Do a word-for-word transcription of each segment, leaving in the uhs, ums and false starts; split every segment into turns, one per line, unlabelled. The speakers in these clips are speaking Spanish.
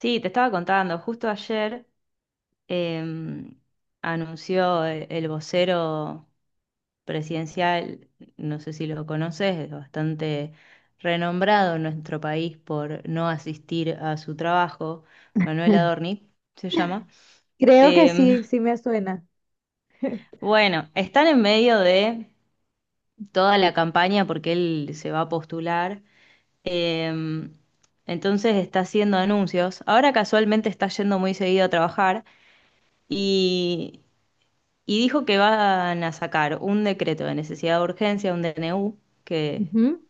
Sí, te estaba contando, justo ayer em, anunció e- el vocero presidencial. No sé si lo conoces, es bastante renombrado en nuestro país por no asistir a su trabajo, Manuel Adorni se llama.
Creo que
Em,
sí, sí me suena.
bueno, están en medio de toda la campaña porque él se va a postular. Em, entonces está haciendo anuncios. Ahora casualmente está yendo muy seguido a trabajar. y, y dijo que van a sacar un decreto de necesidad de urgencia, un D N U, que,
Ujú.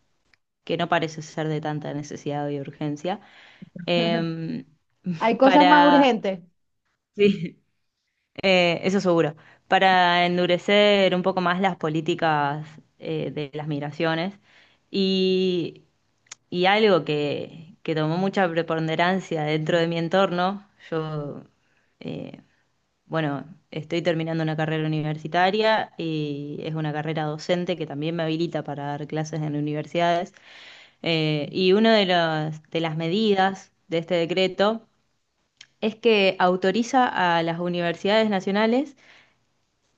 que no parece ser de tanta necesidad y urgencia, em,
Hay cosas más
para,
urgentes.
sí, eh, eso seguro, para endurecer un poco más las políticas eh, de las migraciones. Y, y algo que, que tomó mucha preponderancia dentro de mi entorno, yo... eh, bueno, estoy terminando una carrera universitaria y es una carrera docente que también me habilita para dar clases en universidades. Eh, y una de las, de las medidas de este decreto es que autoriza a las universidades nacionales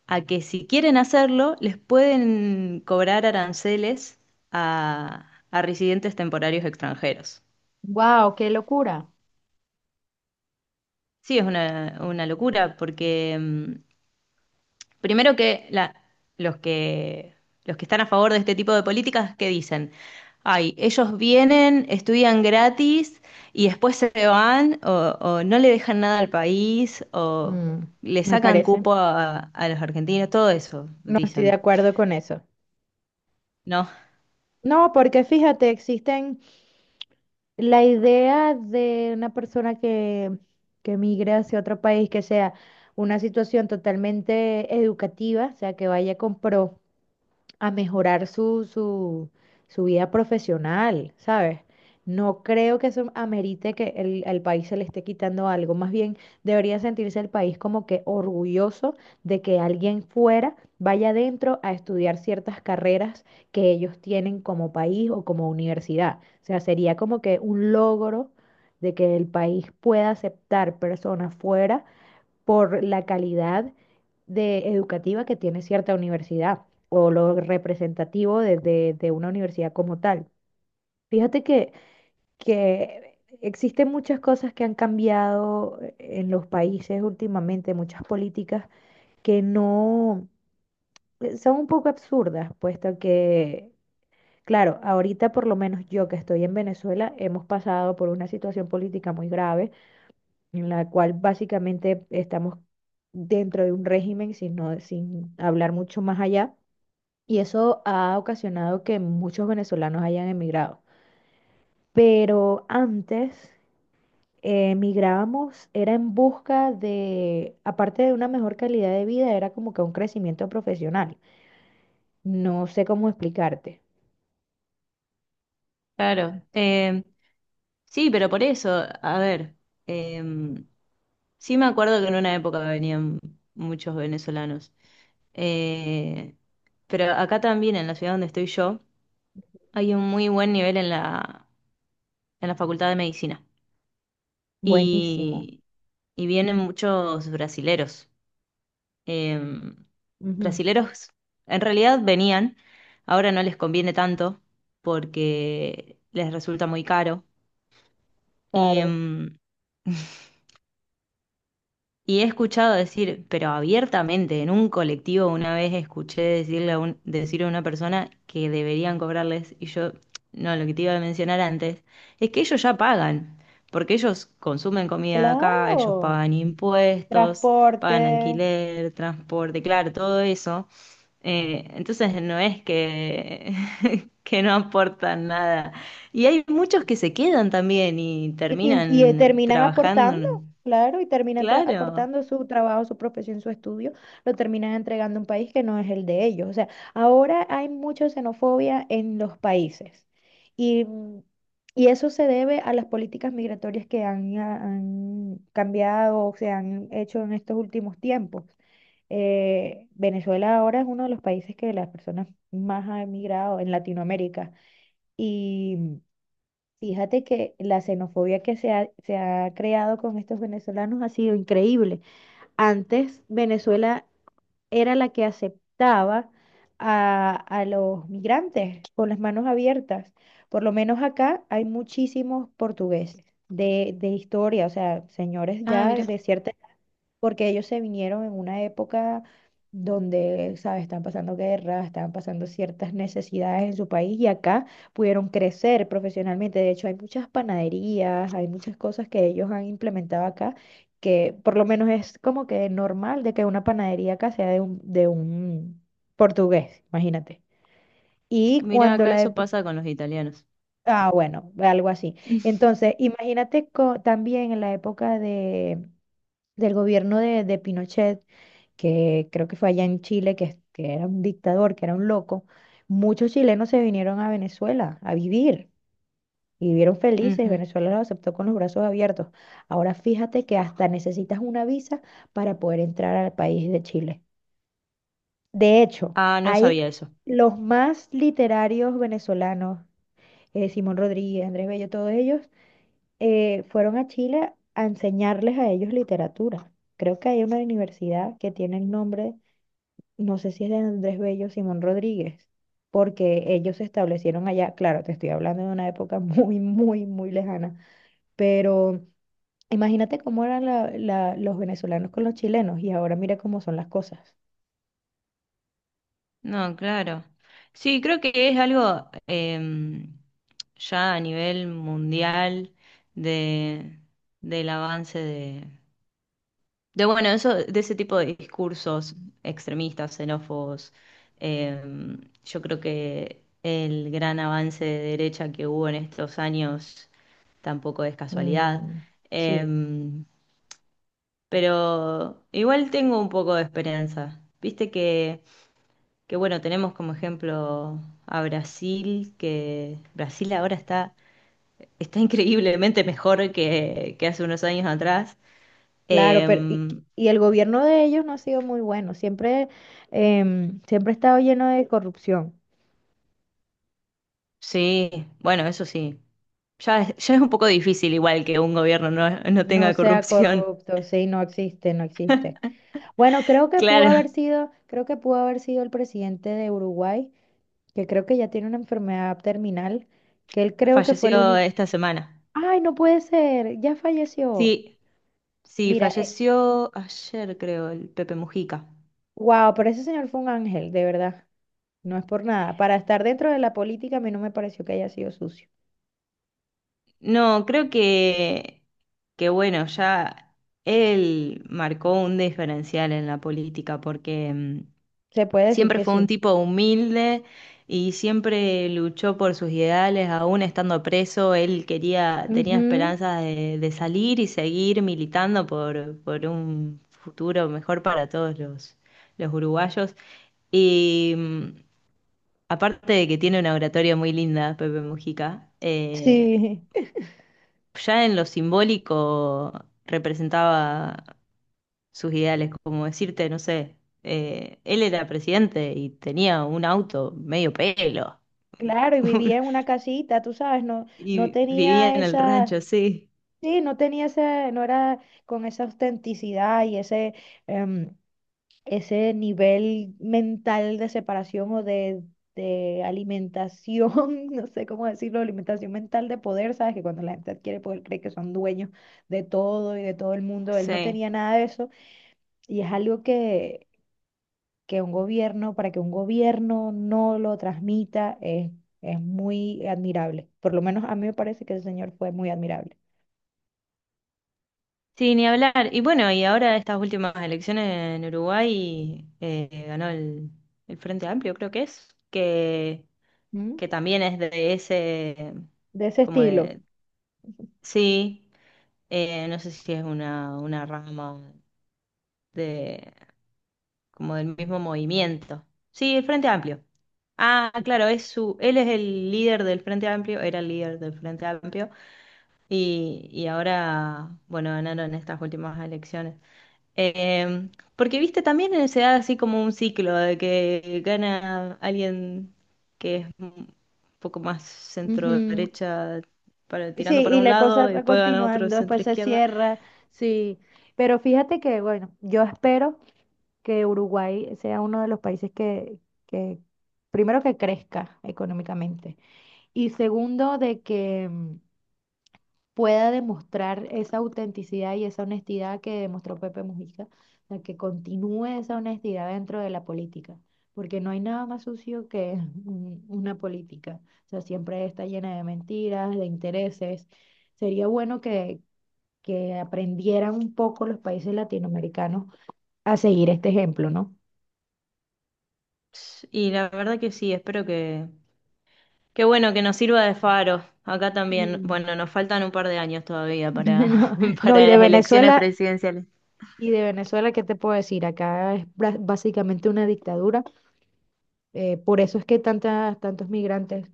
a que si quieren hacerlo, les pueden cobrar aranceles a, a residentes temporarios extranjeros.
¡Wow! ¡Qué locura!
Sí, es una, una locura porque mm, primero que la- los que los que están a favor de este tipo de políticas, ¿qué dicen? Ay, ellos vienen, estudian gratis y después se van o, o no le dejan nada al país o
Mm,
le
me
sacan
parece.
cupo a, a los argentinos, todo eso,
No estoy de
dicen.
acuerdo con eso.
No,
No, porque fíjate, existen la idea de una persona que, que, migre hacia otro país, que sea una situación totalmente educativa, o sea, que vaya con pro. A mejorar su, su, su vida profesional, ¿sabes? No creo que eso amerite que el, al país se le esté quitando algo. Más bien debería sentirse el país como que orgulloso de que alguien fuera vaya adentro a estudiar ciertas carreras que ellos tienen como país o como universidad. O sea, sería como que un logro de que el país pueda aceptar personas fuera por la calidad de educativa que tiene cierta universidad o lo representativo de, de- de una universidad como tal. Fíjate que, que existen muchas cosas que han cambiado en los países últimamente, muchas políticas que no eh, son un poco absurdas, puesto que, claro, ahorita por lo menos yo que estoy en Venezuela, hemos pasado por una situación política muy grave en la cual básicamente estamos dentro de un régimen, sin, no- sin hablar mucho más allá, y eso ha ocasionado que muchos venezolanos hayan emigrado. Pero antes eh, emigrábamos, era en busca de, aparte de una mejor calidad de vida, era como que un crecimiento profesional. No sé cómo explicarte.
claro. Eh, sí, pero por eso, a ver, eh, sí me acuerdo que en una época venían muchos venezolanos. Eh, pero acá también, en la ciudad donde estoy yo, hay un muy buen nivel en la, en la Facultad de Medicina
Buenísimo.
y, y vienen muchos brasileros. Em,
Ujú.
Brasileros en realidad venían, ahora no les conviene tanto porque les resulta muy caro. Y,
Claro,
em, Y he escuchado decir, pero abiertamente, en un colectivo una vez escuché decirle a un- decir a una persona que deberían cobrarles, y yo, no, lo que te iba a mencionar antes, es que ellos ya pagan, porque ellos consumen comida acá, ellos
claro.
pagan impuestos, pagan
Transporte,
alquiler, transporte, claro, todo eso. Eh, entonces no es que, que no aportan nada. Y hay muchos que se quedan también y
Y, y, eh,
terminan
terminan aportando,
trabajando.
claro, y terminan tra-
Claro.
aportando su trabajo, su profesión, su estudio, lo terminan entregando a un país que no es el de ellos. O sea, ahora hay mucha xenofobia en los países y, mm, y eso se debe a las políticas migratorias que han, ah, han cambiado o se han hecho en estos últimos tiempos. Eh, Venezuela ahora es uno de los países que las personas más han emigrado en Latinoamérica. Fíjate que la xenofobia que se ha, se ha creado con estos venezolanos ha sido increíble. Antes Venezuela era la que aceptaba a, a los migrantes con las manos abiertas. Por lo menos acá hay muchísimos portugueses de, de historia, o sea, señores
Ah,
ya
mira,
de cierta porque ellos se vinieron en una época donde, ¿sabes? Estaban pasando guerras, estaban pasando ciertas necesidades en su país y acá pudieron crecer profesionalmente. De hecho, hay muchas panaderías, hay muchas cosas que ellos han implementado acá, que por lo menos es como que normal de que una panadería acá sea de un, de un portugués, imagínate. Y
mira,
cuando
acá
la...
eso
ep-
pasa con los italianos.
Ah, bueno, algo así. Entonces, imagínate co- también en la época de, del gobierno de, de Pinochet, que creo que fue allá en Chile, que, que era un dictador, que era un loco, muchos chilenos se vinieron a Venezuela a vivir y vivieron felices.
Ujú.
Venezuela los aceptó con los brazos abiertos. Ahora fíjate que hasta necesitas una visa para poder entrar al país de Chile. De hecho,
Ah, no
hay
sabía eso.
los más literarios venezolanos, eh, Simón Rodríguez, Andrés Bello, todos ellos, eh, fueron a Chile a enseñarles a ellos literatura. Creo que hay una universidad que tiene el nombre no sé si es de Andrés Bello o Simón Rodríguez, porque ellos se establecieron allá, claro, te estoy hablando de una época muy, muy, muy lejana, pero imagínate cómo eran la- la- los venezolanos con los chilenos y ahora mira cómo son las cosas.
No, claro. Sí, creo que es algo em, ya a nivel mundial de, del avance de, de bueno, eso, de ese tipo de discursos extremistas, xenófobos. Em, yo creo que el gran avance de derecha que hubo en estos años tampoco es casualidad.
Mm, sí,
Em, Pero igual tengo un poco de esperanza. Viste que, que bueno, tenemos como ejemplo a Brasil, que Brasil ahora está, está increíblemente mejor que, que hace unos años atrás.
claro, pero y,
Em,
y el gobierno de ellos no ha sido muy bueno, siempre, em, siempre ha estado lleno de corrupción.
sí, bueno, eso sí. Ya es, ya es un poco difícil igual que un gobierno no, no
No
tenga
sea
corrupción.
corrupto, sí, no existe, no existe. Bueno, creo que pudo
Claro,
haber sido, creo que pudo haber sido el presidente de Uruguay, que creo que ya tiene una enfermedad terminal, que él creo que fue el
falleció
único.
esta semana.
¡Ay, no puede ser! Ya falleció.
Sí, sí,
Mira,
falleció ayer, creo, el Pepe Mujica.
wow, pero ese señor fue un ángel, de verdad. No es por nada. Para estar dentro de la política, a mí no me pareció que haya sido sucio.
No, creo que, que bueno, ya él marcó un diferencial en la política porque mm,
Se puede decir
siempre
que
fue un
sí.
tipo humilde y siempre luchó por sus ideales, aún estando preso, él quería, tenía
Ujú.
esperanzas de, de salir y seguir militando por, por un futuro mejor para todos los, los uruguayos. Y mm, Aparte de que tiene una oratoria muy linda, Pepe Mujica, eh,
Sí.
ya en lo simbólico representaba sus ideales, como decirte, no sé, eh, él era presidente y tenía un auto medio pelo
Claro, y vivía en una casita, tú sabes, no, no
y vivía
tenía
en el
esa,
rancho, sí,
sí, no tenía ese, no era con esa autenticidad y ese, em, ese nivel mental de separación o de, de alimentación, no sé cómo decirlo, alimentación mental de poder, ¿sabes? Que cuando la gente adquiere poder cree que son dueños de todo y de todo el mundo, él no
sí.
tenía nada de eso y es algo que, que un gobierno, para que un gobierno no lo transmita, es, es muy admirable. Por lo menos a mí me parece que ese señor fue muy admirable.
Sí, ni hablar. Y bueno, y ahora estas últimas elecciones en Uruguay eh, ganó el, el Frente Amplio, creo que es, que,
¿Mm?
que también es de ese,
De ese
como
estilo.
de, sí, eh, no sé si es una, una rama de, como del mismo movimiento. Sí, el Frente Amplio. Ah, claro, es su, él es el líder del Frente Amplio, era el líder del Frente Amplio y, y ahora, bueno, ganaron estas últimas elecciones. Eh, Porque, viste, también se da así como un ciclo de que gana alguien que es un poco más centro
Ujú.
derecha, para, tirando
Sí,
para
y
un
la cosa
lado, y
va
después gana otro
continuando,
centro
después se
izquierda.
cierra, sí. Pero fíjate que, bueno, yo espero que Uruguay sea uno de los países que, que primero que crezca económicamente y segundo de que mm, pueda demostrar esa autenticidad y esa honestidad que demostró Pepe Mujica, o sea, que continúe esa honestidad dentro de la política, porque no hay nada más sucio que un- una política, o sea, siempre está llena de mentiras, de intereses. Sería bueno que, que aprendieran un poco los países latinoamericanos a seguir este ejemplo, ¿no?
Y la verdad que sí, espero que, qué bueno que nos sirva de faro. Acá también,
Mm.
bueno, nos faltan un par de años todavía para,
No, no, y
para
de
las elecciones
Venezuela,
presidenciales.
y de Venezuela, ¿qué te puedo decir? Acá es bra- básicamente una dictadura. Eh, por eso es que tantas, tantos migrantes,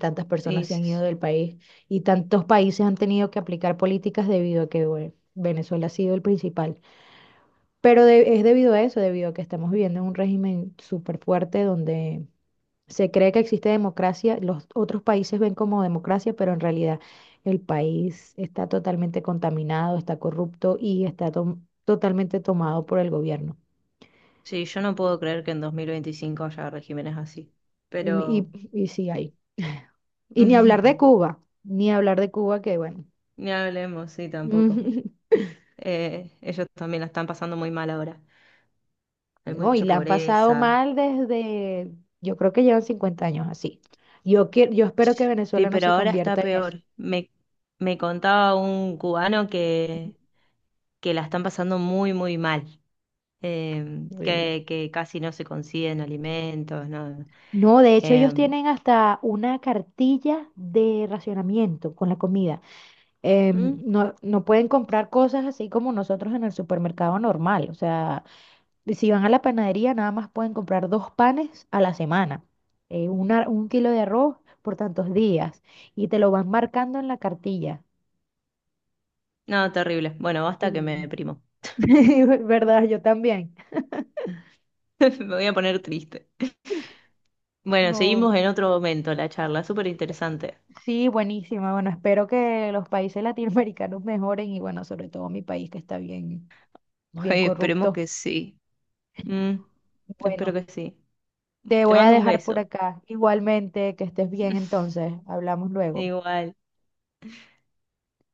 tantas
Y
personas se han ido
s-
del país y tantos países han tenido que aplicar políticas debido a que, bueno, Venezuela ha sido el principal. Pero de- es debido a eso, debido a que estamos viviendo en un régimen súper fuerte donde se cree que existe democracia, los otros países ven como democracia, pero en realidad el país está totalmente contaminado, está corrupto y está to- totalmente tomado por el gobierno.
sí, yo no puedo creer que en dos mil veinticinco haya regímenes así.
Y,
Pero
y y sí hay. Y ni hablar de Cuba, ni hablar de Cuba, que bueno,
ni hablemos, sí, tampoco.
Ujú.
Eh, ellos también la están pasando muy mal ahora. Hay
No, y
mucha
la han pasado
pobreza.
mal desde, yo creo que llevan cincuenta años así. Yo, que, yo espero que
Sí,
Venezuela no
pero
se
ahora está
convierta en eso.
peor. Me, me contaba un cubano que, que la están pasando muy, muy mal. em,
Horrible.
que, que casi no se consiguen alimentos, ¿no?
No, de hecho ellos
Em,
tienen hasta una cartilla de racionamiento con la comida. Em,
¿mm?
no, no pueden comprar cosas así como nosotros en el supermercado normal. O sea, si van a la panadería nada más pueden comprar dos panes a la semana, eh, una- un kilo de arroz por tantos días y te lo van marcando en la cartilla.
No, terrible. Bueno, basta que me
Sí.
deprimo.
¿Verdad? Yo también.
Me voy a poner triste. Bueno, seguimos
No,
en otro momento la charla, súper interesante.
sí, buenísima. Bueno, espero que los países latinoamericanos mejoren y bueno, sobre todo mi país que está bien, bien
Ay, esperemos
corrupto.
que sí. Mm, espero
Bueno,
que sí.
te
Te
voy a
mando un
dejar por
beso.
acá. Igualmente, que estés bien entonces. Hablamos luego.
Igual.